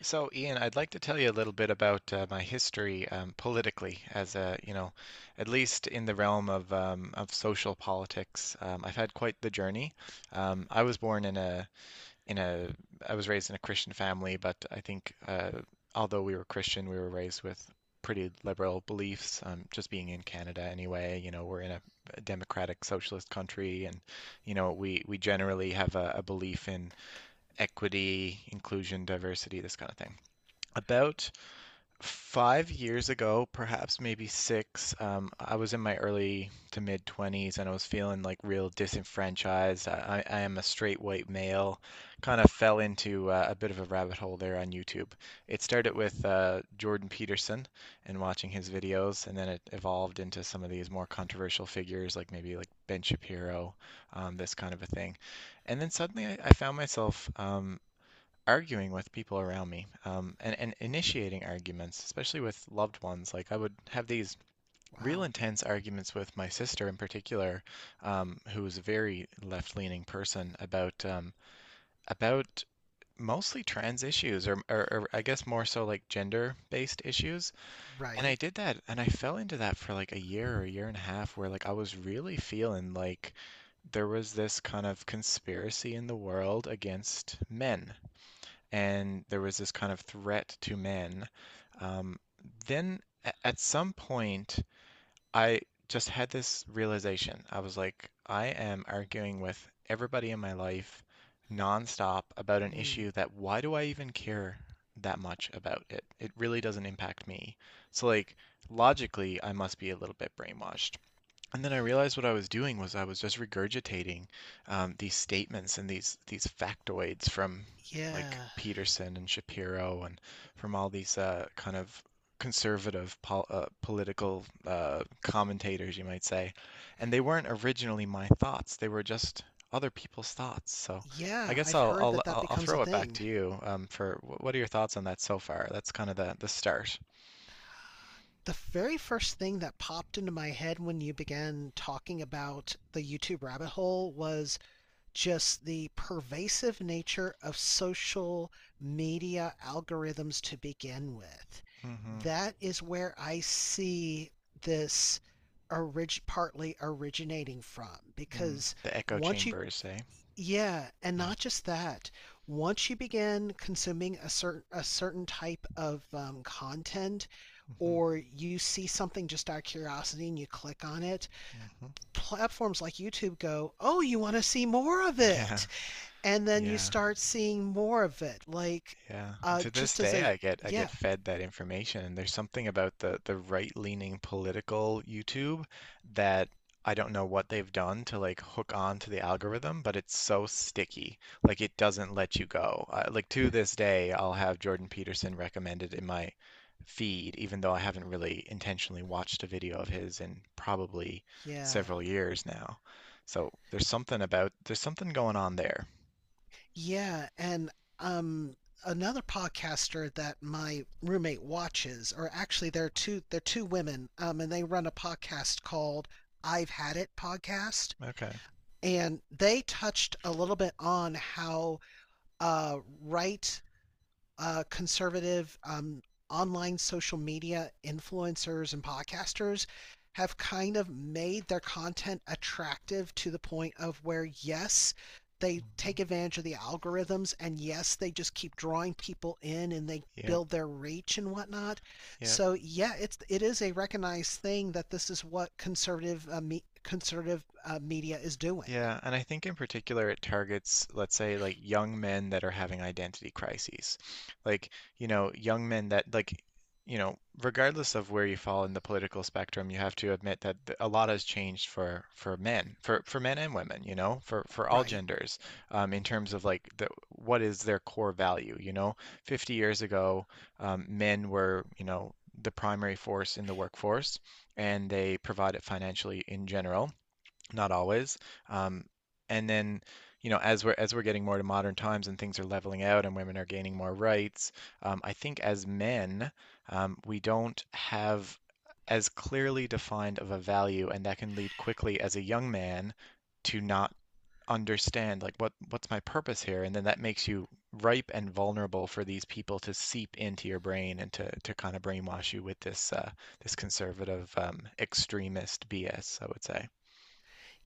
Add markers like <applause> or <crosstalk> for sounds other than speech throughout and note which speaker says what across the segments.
Speaker 1: So, Ian, I'd like to tell you a little bit about my history, politically, as a, you know, at least in the realm of social politics. I've had quite the journey. Um, I was born in a in a I was raised in a Christian family, but I think although we were Christian, we were raised with pretty liberal beliefs. Just being in Canada, anyway, you know, we're in a democratic socialist country, and you know, we generally have a belief in equity, inclusion, diversity, this kind of thing. About five years ago, perhaps maybe six, I was in my early to mid twenties and I was feeling like real disenfranchised. I am a straight white male, kind of fell into a bit of a rabbit hole there on YouTube. It started with Jordan Peterson and watching his videos, and then it evolved into some of these more controversial figures, like maybe like Ben Shapiro, this kind of a thing. And then suddenly I found myself arguing with people around me and initiating arguments, especially with loved ones. Like I would have these real
Speaker 2: Wow.
Speaker 1: intense arguments with my sister in particular, who was a very left-leaning person about mostly trans issues or I guess more so like gender-based issues. And I
Speaker 2: Right?
Speaker 1: did that and I fell into that for like a year or a year and a half where like I was really feeling like there was this kind of conspiracy in the world against men and there was this kind of threat to men. Um, at some point, I just had this realization. I was like, I am arguing with everybody in my life nonstop about an
Speaker 2: Mm,
Speaker 1: issue that why do I even care that much about it? It really doesn't impact me. So like logically, I must be a little bit brainwashed. And then I realized what I was doing was I was just regurgitating these statements and these factoids from like
Speaker 2: yeah.
Speaker 1: Peterson and Shapiro and from all these kind of conservative political commentators, you might say. And they weren't originally my thoughts; they were just other people's thoughts. So I
Speaker 2: Yeah,
Speaker 1: guess
Speaker 2: I've
Speaker 1: I'll
Speaker 2: heard
Speaker 1: I'll
Speaker 2: that that
Speaker 1: I'll I'll
Speaker 2: becomes a
Speaker 1: throw it back
Speaker 2: thing.
Speaker 1: to you what are your thoughts on that so far? That's kind of the start.
Speaker 2: The very first thing that popped into my head when you began talking about the YouTube rabbit hole was just the pervasive nature of social media algorithms to begin with.
Speaker 1: Hmm.
Speaker 2: That is where I see this partly originating from.
Speaker 1: Mm.
Speaker 2: Because
Speaker 1: The echo
Speaker 2: once you
Speaker 1: chambers, eh?
Speaker 2: Yeah, and
Speaker 1: Yeah.
Speaker 2: not just that. Once you begin consuming a certain type of content,
Speaker 1: Hmm.
Speaker 2: or you see something just out of curiosity and you click on it,
Speaker 1: Hmm.
Speaker 2: platforms like YouTube go, "Oh, you want to see more of
Speaker 1: Yeah,
Speaker 2: it," and then you
Speaker 1: yeah,
Speaker 2: start seeing more of it. Like,
Speaker 1: yeah. And to this
Speaker 2: just as
Speaker 1: day,
Speaker 2: a
Speaker 1: I get
Speaker 2: yeah,
Speaker 1: fed that information, and there's something about the right-leaning political YouTube that I don't know what they've done to like hook on to the algorithm, but it's so sticky. Like it doesn't let you go. Like to this day, I'll have Jordan Peterson recommended in my feed, even though I haven't really intentionally watched a video of his in probably
Speaker 2: yeah.
Speaker 1: several years now. So there's something going on there.
Speaker 2: Yeah, and um another podcaster that my roommate watches, or actually there are two they're two women, and they run a podcast called I've Had It podcast.
Speaker 1: Okay.
Speaker 2: And they touched a little bit on how uh, right conservative online social media influencers and podcasters have kind of made their content attractive to the point of where, yes, they
Speaker 1: Mhm.
Speaker 2: take advantage of the algorithms, and yes, they just keep drawing people in and they
Speaker 1: Yep,
Speaker 2: build their reach and whatnot.
Speaker 1: yep.
Speaker 2: So yeah, it is a recognized thing that this is what conservative media is doing,
Speaker 1: Yeah, and I think in particular it targets, let's say, like young men that are having identity crises. Like, you know, young men that, like, you know, regardless of where you fall in the political spectrum, you have to admit that a lot has changed for men, for men and women, you know, for all
Speaker 2: right?
Speaker 1: genders, in terms of like the what is their core value, you know? 50 years ago, men were, you know, the primary force in the workforce, and they provided financially in general, not always. Um, and then, you know, as we're getting more to modern times and things are leveling out and women are gaining more rights, I think as men, we don't have as clearly defined of a value, and that can lead quickly as a young man to not understand like what's my purpose here, and then that makes you ripe and vulnerable for these people to seep into your brain and to kind of brainwash you with this this conservative extremist BS, I would say.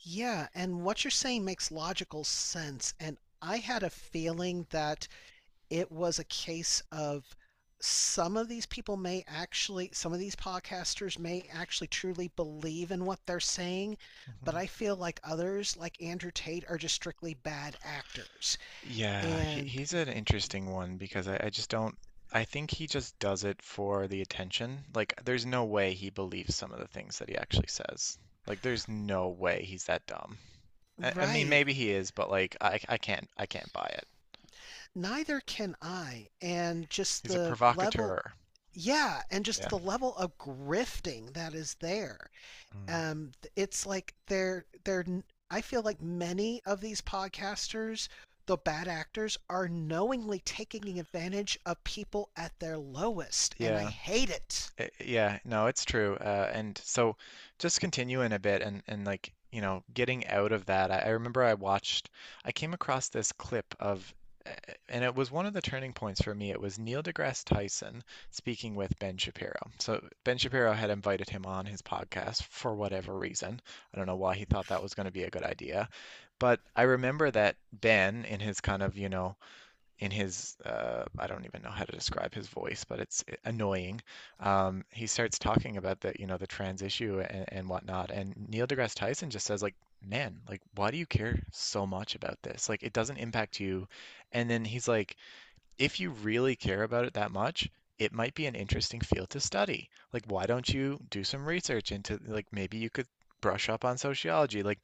Speaker 2: Yeah, and what you're saying makes logical sense. And I had a feeling that it was a case of some of these podcasters may actually truly believe in what they're saying, but I
Speaker 1: Hmm.
Speaker 2: feel like others, like Andrew Tate, are just strictly bad actors.
Speaker 1: Yeah,
Speaker 2: And
Speaker 1: he's an interesting one because I just don't. I think he just does it for the attention. Like, there's no way he believes some of the things that he actually says. Like, there's no way he's that dumb. I mean,
Speaker 2: Right,
Speaker 1: maybe he is, but like, I can't buy it.
Speaker 2: neither can I. And just
Speaker 1: He's a
Speaker 2: the level,
Speaker 1: provocateur.
Speaker 2: yeah, and
Speaker 1: Yeah.
Speaker 2: just the level of grifting that is there.
Speaker 1: Mm.
Speaker 2: Um it's like they're n- I feel like many of these podcasters, the bad actors, are knowingly taking advantage of people at their lowest, and I
Speaker 1: Yeah.
Speaker 2: hate it.
Speaker 1: I- yeah. No, it's true. And so just continuing a bit and like, you know, getting out of that, I remember I watched, I came across this clip of, uh, and it was one of the turning points for me. It was Neil deGrasse Tyson speaking with Ben Shapiro. So Ben Shapiro had invited him on his podcast for whatever reason. I don't know why he thought that was going to be a good idea. But I remember that Ben, in his kind of, you know, in his I don't even know how to describe his voice, but it's eh, annoying. He starts talking about the you know the trans issue and whatnot, and Neil deGrasse Tyson just says like, man, like why do you care so much about this? Like it doesn't impact you. And then he's like, if you really care about it that much. It might be an interesting field to study. Like, why don't you do some research into, like, maybe you could brush up on sociology. Like,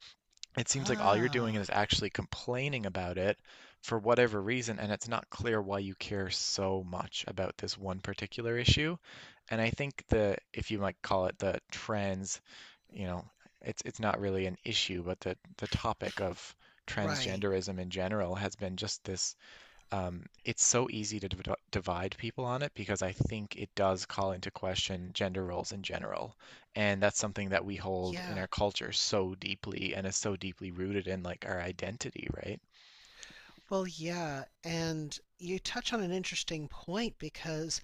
Speaker 1: it seems like all you're doing
Speaker 2: Ah.
Speaker 1: is actually complaining about it for whatever reason, and it's not clear why you care so much about this one particular issue. And I think the, if you might call it the trans, you know, it's not really an issue, but the topic of
Speaker 2: Right.
Speaker 1: transgenderism in general has been just this it's so easy to divide people on it because I think it does call into question gender roles in general. And that's something that we hold in
Speaker 2: Yeah.
Speaker 1: our culture so deeply and is so deeply rooted in like our identity, right?
Speaker 2: Well, yeah, and you touch on an interesting point because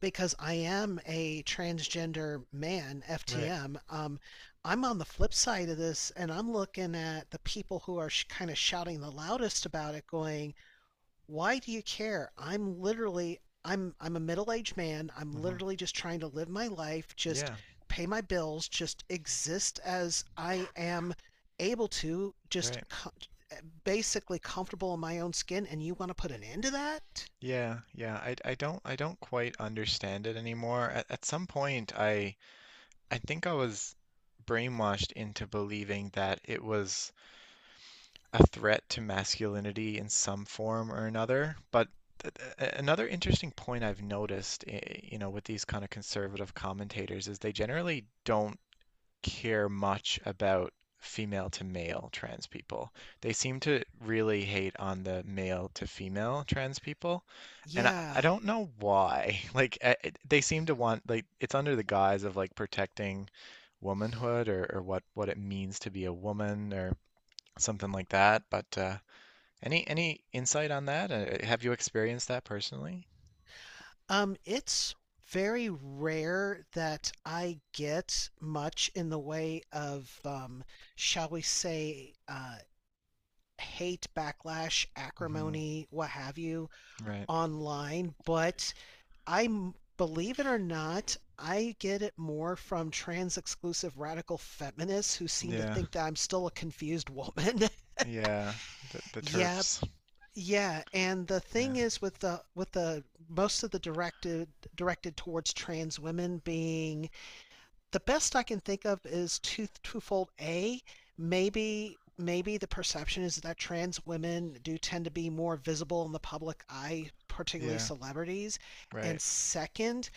Speaker 2: I am a transgender man,
Speaker 1: Right.
Speaker 2: FTM. I'm on the flip side of this, and I'm looking at the people who are kind of shouting the loudest about it, going, "Why do you care? I'm a middle-aged man. I'm
Speaker 1: Hmm.
Speaker 2: literally just trying to live my life, just
Speaker 1: Yeah,
Speaker 2: pay my bills, just exist as I am able to,
Speaker 1: right.
Speaker 2: basically comfortable in my own skin, and you want to put an end to that?"
Speaker 1: Yeah, yeah. I don't quite understand it anymore. At some point I think I was brainwashed into believing that it was a threat to masculinity in some form or another. But another interesting point I've noticed, eh, you know, with these kind of conservative commentators is they generally don't care much about female to male trans people. They seem to really hate on the male to female trans people. And
Speaker 2: Yeah.
Speaker 1: I don't know why. <laughs> Like, they seem to want, like, it's under the guise of, like, protecting womanhood or what it means to be a woman or something like that. But any insight on that? Have you experienced that personally?
Speaker 2: It's very rare that I get much in the way of, shall we say, hate, backlash,
Speaker 1: Hmm.
Speaker 2: acrimony, what have you
Speaker 1: Right.
Speaker 2: online, but I believe it or not, I get it more from trans exclusive radical feminists who seem to
Speaker 1: Yeah.
Speaker 2: think that I'm still a confused woman.
Speaker 1: Yeah.
Speaker 2: <laughs>
Speaker 1: The
Speaker 2: Yeah,
Speaker 1: turfs.
Speaker 2: yeah, and the
Speaker 1: Yeah.
Speaker 2: thing is, with the most of the directed towards trans women being, the best I can think of, is twofold. A, maybe the perception is that trans women do tend to be more visible in the public eye, particularly
Speaker 1: Yeah.
Speaker 2: celebrities. And
Speaker 1: Right. <laughs>
Speaker 2: second,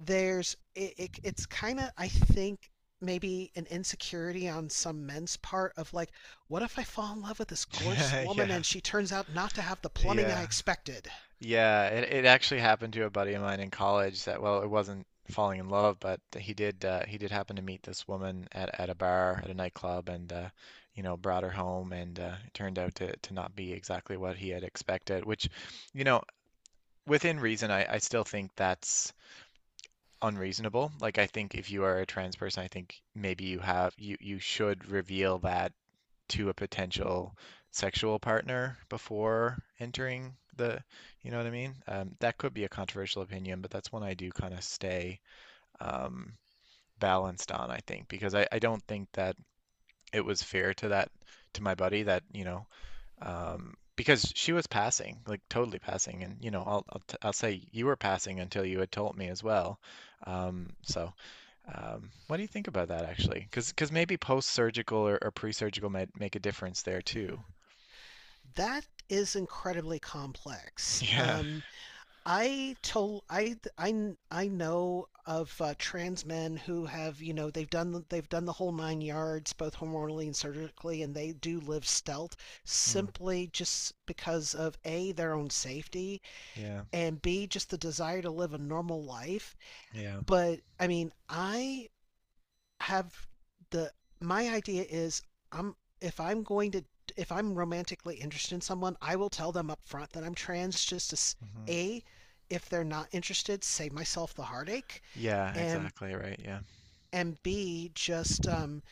Speaker 2: there's it, it it's kind of, I think, maybe an insecurity on some men's part of like, what if I fall in love with this gorgeous
Speaker 1: Yeah.
Speaker 2: woman
Speaker 1: Yeah.
Speaker 2: and she turns out not to have the plumbing I
Speaker 1: Yeah.
Speaker 2: expected?
Speaker 1: Yeah. It actually happened to a buddy of mine in college that well, it wasn't falling in love, but he did happen to meet this woman at a bar at a nightclub and you know brought her home and it turned out to not be exactly what he had expected, which you know within reason, I still think that's unreasonable. Like I think if you are a trans person, I think maybe you have you you should reveal that to a potential sexual partner before entering the, you know what I mean? That could be a controversial opinion, but that's one I do kind of stay um, balanced on, I think, because I don't think that it was fair to that to my buddy that, you know, because she was passing, like totally passing, and you know, I'll say you were passing until you had told me as well. Um, so, what do you think about that actually? Because maybe post-surgical or pre-surgical might make a difference there too.
Speaker 2: That is incredibly
Speaker 1: <laughs>
Speaker 2: complex.
Speaker 1: Yeah.
Speaker 2: I told I know of trans men who have they've done the whole nine yards, both hormonally and surgically, and they do live stealth,
Speaker 1: Mm,
Speaker 2: simply just because of A, their own safety,
Speaker 1: yeah.
Speaker 2: and B, just the desire to live a normal life.
Speaker 1: Yeah.
Speaker 2: But I mean, I have the my idea is I'm if I'm going to if I'm romantically interested in someone, I will tell them up front that I'm trans just to,
Speaker 1: Hmm.
Speaker 2: A, if they're not interested, save myself the heartache,
Speaker 1: Yeah.
Speaker 2: and
Speaker 1: Exactly. Right. Yeah.
Speaker 2: B, just,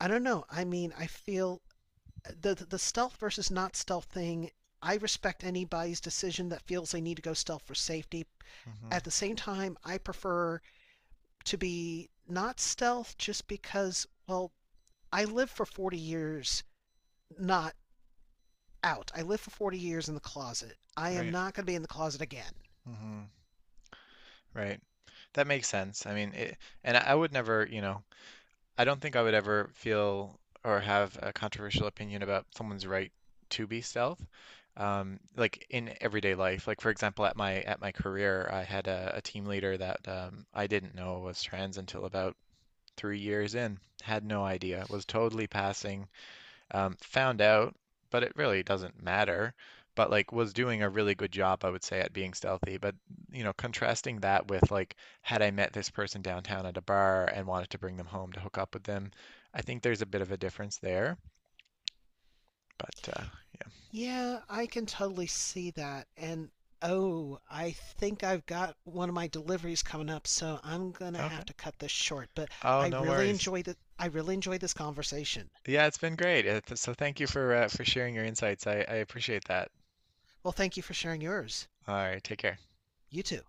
Speaker 2: I don't know. I mean, I feel the stealth versus not stealth thing. I respect anybody's decision that feels they need to go stealth for safety.
Speaker 1: Hmm.
Speaker 2: At the same time, I prefer to be not stealth just because, well, I live for 40 years not out. I live for 40 years in the closet. I am
Speaker 1: Right.
Speaker 2: not going to be in the closet again.
Speaker 1: Hmm. Right. That makes sense. I mean, it, and I would never, you know. I don't think I would ever feel or have a controversial opinion about someone's right to be stealth. Like in everyday life, like for example, at my career, I had a team leader that I didn't know was trans until about three years in. Had no idea. Was totally passing found out, but it really doesn't matter. But like was doing a really good job, I would say, at being stealthy. But you know, contrasting that with like had I met this person downtown at a bar and wanted to bring them home to hook up with them, I think there's a bit of a difference there. But yeah,
Speaker 2: Yeah, I can totally see that. And oh, I think I've got one of my deliveries coming up, so I'm going to
Speaker 1: okay.
Speaker 2: have to cut this short, but
Speaker 1: Oh,
Speaker 2: I
Speaker 1: no
Speaker 2: really
Speaker 1: worries.
Speaker 2: enjoyed it. I really enjoyed this conversation.
Speaker 1: Yeah, it's been great. So thank you for sharing your insights. I appreciate that.
Speaker 2: Well, thank you for sharing yours.
Speaker 1: All right, take care.
Speaker 2: You too.